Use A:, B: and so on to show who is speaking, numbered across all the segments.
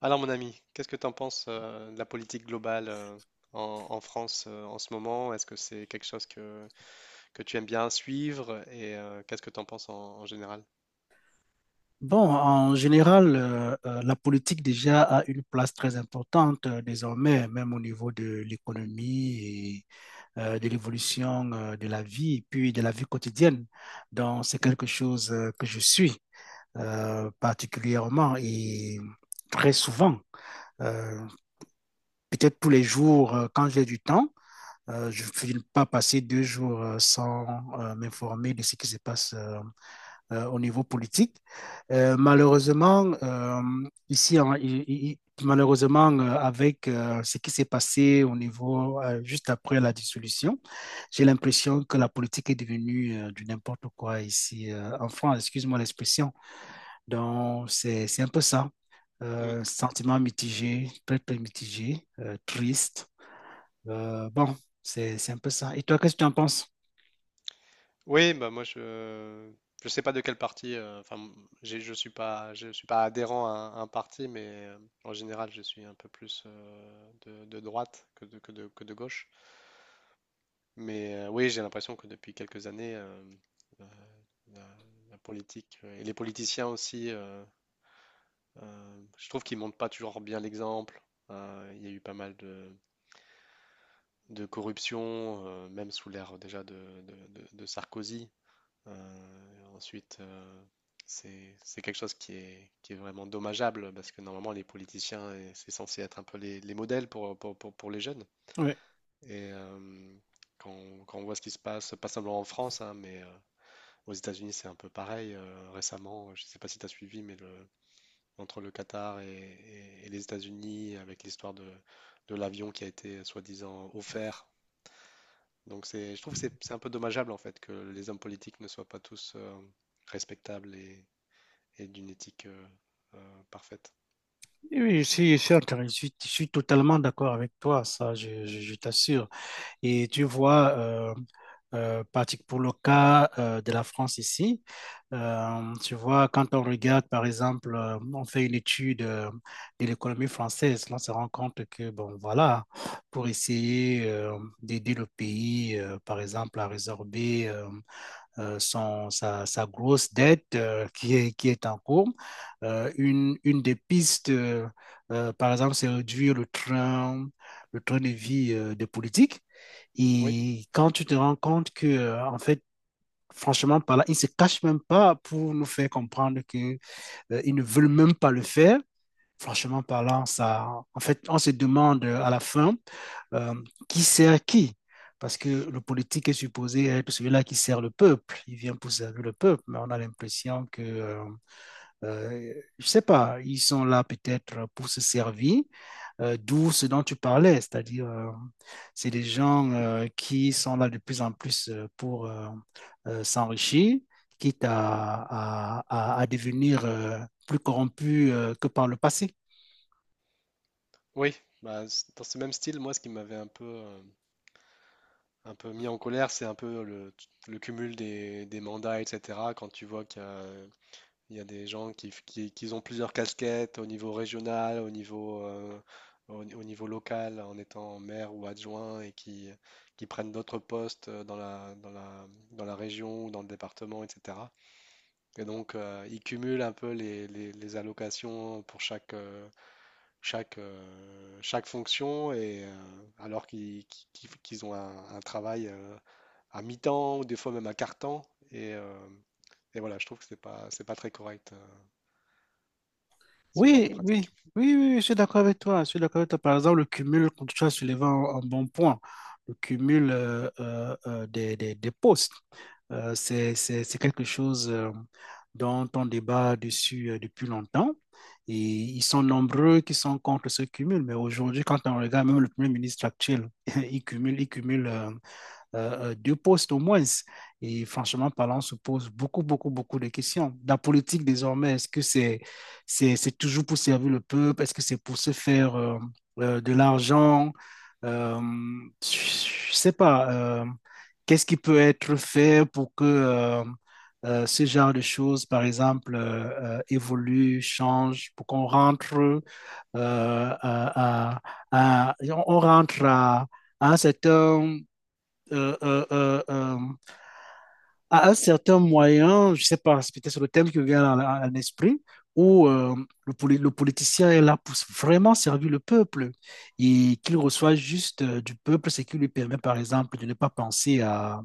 A: Alors mon ami, qu'est-ce que tu en penses de la politique globale, en France en ce moment? Est-ce que c'est quelque chose que tu aimes bien suivre? Et qu'est-ce que tu en penses en général?
B: Bon, en général, la politique déjà a une place très importante désormais, même au niveau de l'économie et de l'évolution de la vie, puis de la vie quotidienne. Donc, c'est quelque chose que je suis particulièrement et très souvent. Euh, Peut-être tous les jours, quand j'ai du temps, je ne peux pas passer 2 jours sans m'informer de ce qui se passe, au niveau politique. Malheureusement, ici, malheureusement, avec ce qui s'est passé au niveau juste après la dissolution, j'ai l'impression que la politique est devenue du n'importe quoi ici en France, excuse-moi l'expression. Donc, c'est un peu ça.
A: Mm.
B: Sentiment mitigé, très, très mitigé, triste. Bon, c'est un peu ça. Et toi, qu'est-ce que tu en penses?
A: Oui, bah moi je sais pas de quel parti. Enfin, je suis pas, je suis pas adhérent à un parti, mais en général je suis un peu plus de droite que de gauche. Mais oui, j'ai l'impression que depuis quelques années, euh, la, la politique et les politiciens aussi. Je trouve qu'ils montrent pas toujours bien l'exemple. Il y a eu pas mal de corruption, même sous l'ère déjà de Sarkozy. Ensuite, c'est quelque chose qui est vraiment dommageable, parce que normalement, les politiciens, et c'est censé être un peu les modèles pour les jeunes.
B: Ouais.
A: Et quand on voit ce qui se passe, pas seulement en France, hein, mais aux États-Unis, c'est un peu pareil. Récemment, je sais pas si tu as suivi, mais entre le Qatar et les États-Unis, avec l'histoire de l'avion qui a été soi-disant offert. Donc je trouve que c'est un peu dommageable en fait que les hommes politiques ne soient pas tous respectables et d'une éthique parfaite.
B: Oui, oui, je suis totalement d'accord avec toi, ça, je t'assure. Et tu vois, pour le cas de la France ici, tu vois, quand on regarde, par exemple, on fait une étude de l'économie française, on se rend compte que, bon, voilà, pour essayer d'aider le pays, par exemple, à résorber grosse dette qui est en cours. Une des pistes, par exemple, c'est réduire le train de vie des politiques.
A: Oui,
B: Et quand tu te rends compte que, en fait, franchement, par là, ils ne se cachent même pas pour nous faire comprendre qu'ils ne veulent même pas le faire franchement parlant, ça, en fait, on se demande à la fin euh, qui sert qui. Parce que le politique est supposé être celui-là qui sert le peuple. Il vient pour servir le peuple, mais on a l'impression que, euh, je ne sais pas, ils sont là peut-être pour se servir, d'où ce dont tu parlais, c'est-à-dire, c'est des gens qui sont là de plus en plus pour s'enrichir, quitte à devenir plus corrompus que par le passé.
A: oui. Bah, dans ce même style, moi, ce qui m'avait un peu mis en colère, c'est un peu le cumul des mandats, etc. Quand tu vois qu'il y a... Il y a des gens qui ont plusieurs casquettes au niveau régional, au niveau local, en étant maire ou adjoint, et qui prennent d'autres postes dans la région ou dans le département, etc. Et donc, ils cumulent un peu les allocations pour chaque fonction, et, alors qu'ils qu'ils ont un travail à mi-temps ou des fois même à quart-temps. Et, euh, et voilà, je trouve que c'est pas très correct, ce genre de
B: Oui,
A: pratique.
B: oui, oui, oui, oui, je suis d'accord avec toi. Je suis d'accord avec toi. Par exemple, le cumul, quand tu as soulevé un bon point, le cumul des postes, c'est quelque chose dont on débat dessus depuis longtemps. Et ils sont nombreux qui sont contre ce cumul. Mais aujourd'hui, quand on regarde même le Premier ministre actuel, il cumule, il cumule, 2 postes au moins. Et franchement parlant, on se pose beaucoup, beaucoup, beaucoup de questions. La politique désormais, est-ce que c'est toujours pour servir le peuple? Est-ce que c'est pour se faire de l'argent? Euh, je ne sais pas. Qu'est-ce qui peut être fait pour que ce genre de choses, par exemple, évolue, change, pour qu'on rentre euh, à, à- à- on rentre à un certain euh, euh, euh, euh, à un certain moyen, je ne sais pas, c'est peut-être sur le thème qui me vient à l'esprit, où le politicien est là pour vraiment servir le peuple et qu'il reçoit juste du peuple, ce qui lui permet, par exemple, de ne pas penser à,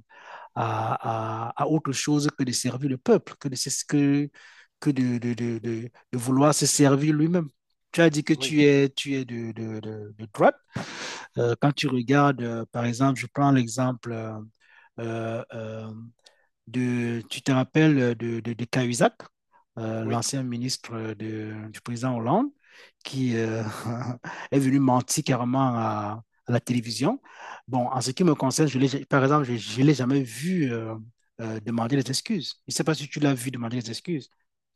B: à, à- à autre chose que de servir le peuple, que de vouloir se servir lui-même. Tu as dit que
A: Oui,
B: tu es de droite. Quand tu regardes, par exemple, je prends l'exemple euh, euh, tu te rappelles de Cahuzac,
A: oui,
B: l'ancien ministre du président Hollande, qui est venu mentir carrément à la télévision. Bon, en ce qui me concerne, par exemple, je ne l'ai jamais vu demander des excuses. Je ne sais pas si tu l'as vu demander des excuses.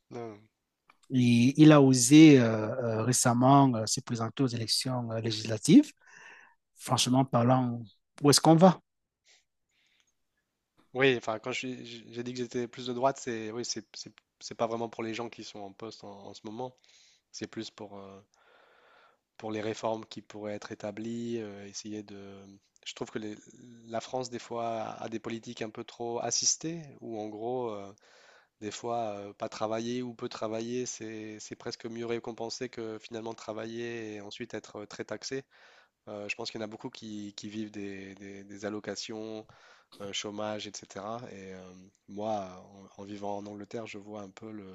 A: non,
B: Et, il a osé récemment se présenter aux élections législatives franchement parlant, où est-ce qu'on va?
A: oui. Enfin, quand j'ai dit que j'étais plus de droite, c'est oui, c'est pas vraiment pour les gens qui sont en poste en ce moment. C'est plus pour les réformes qui pourraient être établies, essayer de... Je trouve que la France des fois a des politiques un peu trop assistées, où en gros, des fois, pas travailler ou peu travailler, c'est presque mieux récompensé que finalement travailler et ensuite être très taxé. Je pense qu'il y en a beaucoup qui vivent des allocations chômage, etc. Et moi, en vivant en Angleterre, je vois un peu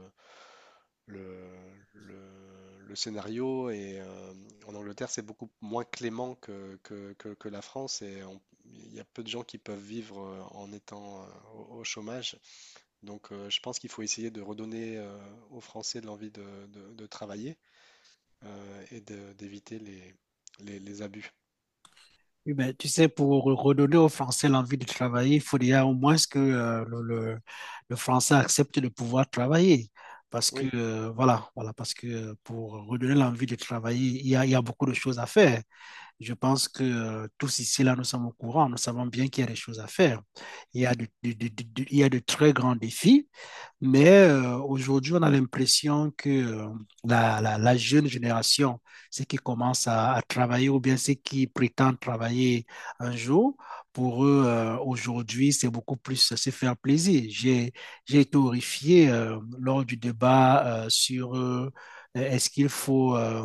A: le, le- le scénario. Et en Angleterre, c'est beaucoup moins clément que la France. Il y a peu de gens qui peuvent vivre en étant au chômage. Donc, je pense qu'il faut essayer de redonner aux Français de l'envie de travailler d'éviter les abus.
B: Oui, ben, tu sais, pour redonner aux Français l'envie de travailler, il faut déjà au moins que le Français accepte de pouvoir travailler. Parce que,
A: Oui,
B: voilà, voilà, parce que pour redonner l'envie de travailler, il y a beaucoup de choses à faire. Je pense que tous ici, là, nous sommes au courant, nous savons bien qu'il y a des choses à faire. Il y a de très grands défis mais aujourd'hui, on a l'impression que la jeune génération, ceux qui commencent à travailler ou bien ceux qui prétendent travailler un jour, pour eux, aujourd'hui, c'est beaucoup plus se faire plaisir. J'ai été horrifié lors du débat sur est-ce qu'il faut euh,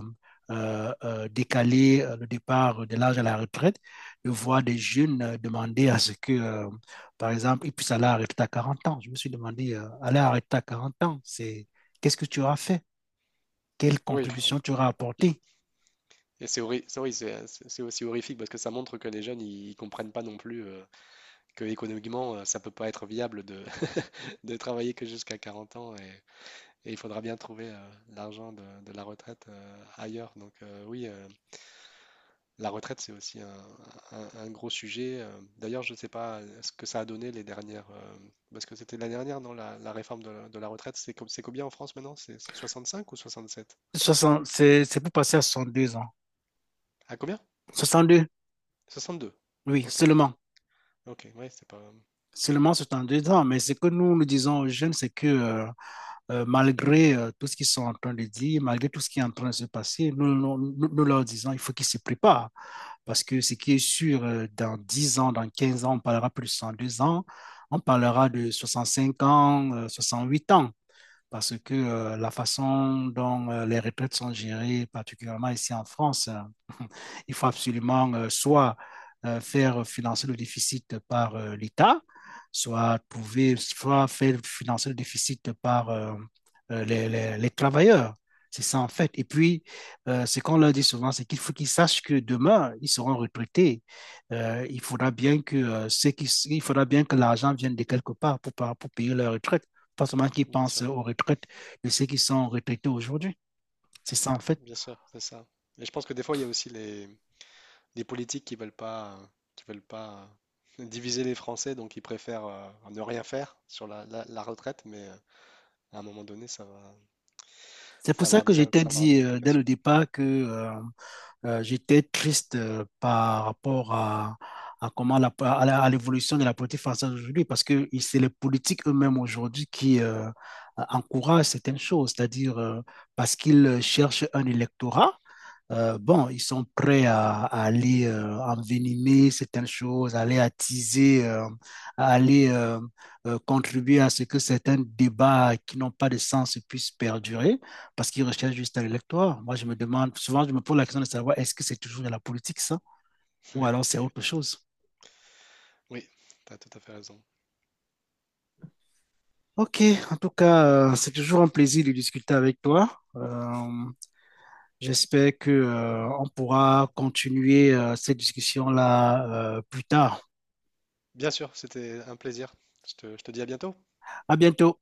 B: euh, euh, décaler le départ de l'âge à la retraite, de voir des jeunes demander à ce que par exemple, il puisse aller arrêter à 40 ans. Je me suis demandé, aller arrêter à 40 ans, c'est qu'est-ce que tu auras fait? Quelle
A: oui.
B: contribution tu auras apportée?
A: Et c'est horri- c'est oui, c'est- aussi horrifique, parce que ça montre que les jeunes, ils comprennent pas non plus que économiquement, ça peut pas être viable de travailler que jusqu'à 40 ans et il faudra bien trouver l'argent de la retraite ailleurs. Donc oui, la retraite, c'est aussi un gros sujet. D'ailleurs, je sais pas ce que ça a donné les dernières, parce que c'était l'année dernière, non, la réforme de de la retraite, c'est combien en France maintenant? C'est 65 ou 67?
B: Soixante C'est pour passer à 62 ans.
A: À combien?
B: Soixante deux.
A: 62.
B: Oui,
A: Ok,
B: seulement.
A: ok, ouais, c'est pas... euh...
B: Seulement c'est en 2 ans, mais ce que nous nous disons aux jeunes, c'est que malgré tout ce qu'ils sont en train de dire, malgré tout ce qui est en train de se passer, nous leur disons il faut qu'ils se préparent. Parce que ce qui est sûr, dans 10 ans, dans 15 ans, on parlera plus de 102 ans, on parlera de 65 ans, 8 ans. Parce que la façon dont les retraites sont gérées, particulièrement ici en France, il faut absolument soit faire financer le déficit par l'État, soit trouver, soit faire financer le déficit par les travailleurs. C'est ça en fait. Et puis, ce qu'on leur dit souvent, c'est qu'il faut qu'ils sachent que demain, ils seront retraités. Il faudra bien que il faudra bien que l'argent vienne de quelque part pour payer leur retraite. Pas seulement qu'ils
A: Bien
B: pensent
A: sûr.
B: aux retraites de ceux qui sont retraités aujourd'hui. C'est ça en fait.
A: Bien sûr, c'est ça. Et je pense que des fois, il y a aussi les politiques qui veulent pas diviser les Français, donc ils préfèrent ne rien faire sur la retraite, mais à un moment donné,
B: C'est
A: ça
B: pour
A: va
B: ça
A: avoir
B: que j'étais
A: ça va avoir des
B: dit dès le
A: implications.
B: départ que j'étais triste par rapport à comment à l'évolution de la politique française aujourd'hui, parce que c'est les politiques eux-mêmes aujourd'hui qui encouragent certaines choses, c'est-à-dire parce qu'ils cherchent un électorat. Bon, ils sont prêts à aller envenimer certaines choses, à aller attiser, à aller contribuer à ce que certains débats qui n'ont pas de sens puissent perdurer parce qu'ils recherchent juste à l'électoire. Moi, je me demande, souvent, je me pose la question de savoir est-ce que c'est toujours de la politique, ça, ou
A: Mais,
B: alors c'est
A: et-
B: autre chose.
A: oui, tu as tout à fait raison.
B: Ok, en tout cas, c'est toujours un plaisir de discuter avec toi. J'espère que, on pourra continuer, cette discussion-là, plus tard.
A: Bien sûr, c'était un plaisir. Je te dis à bientôt.
B: À bientôt.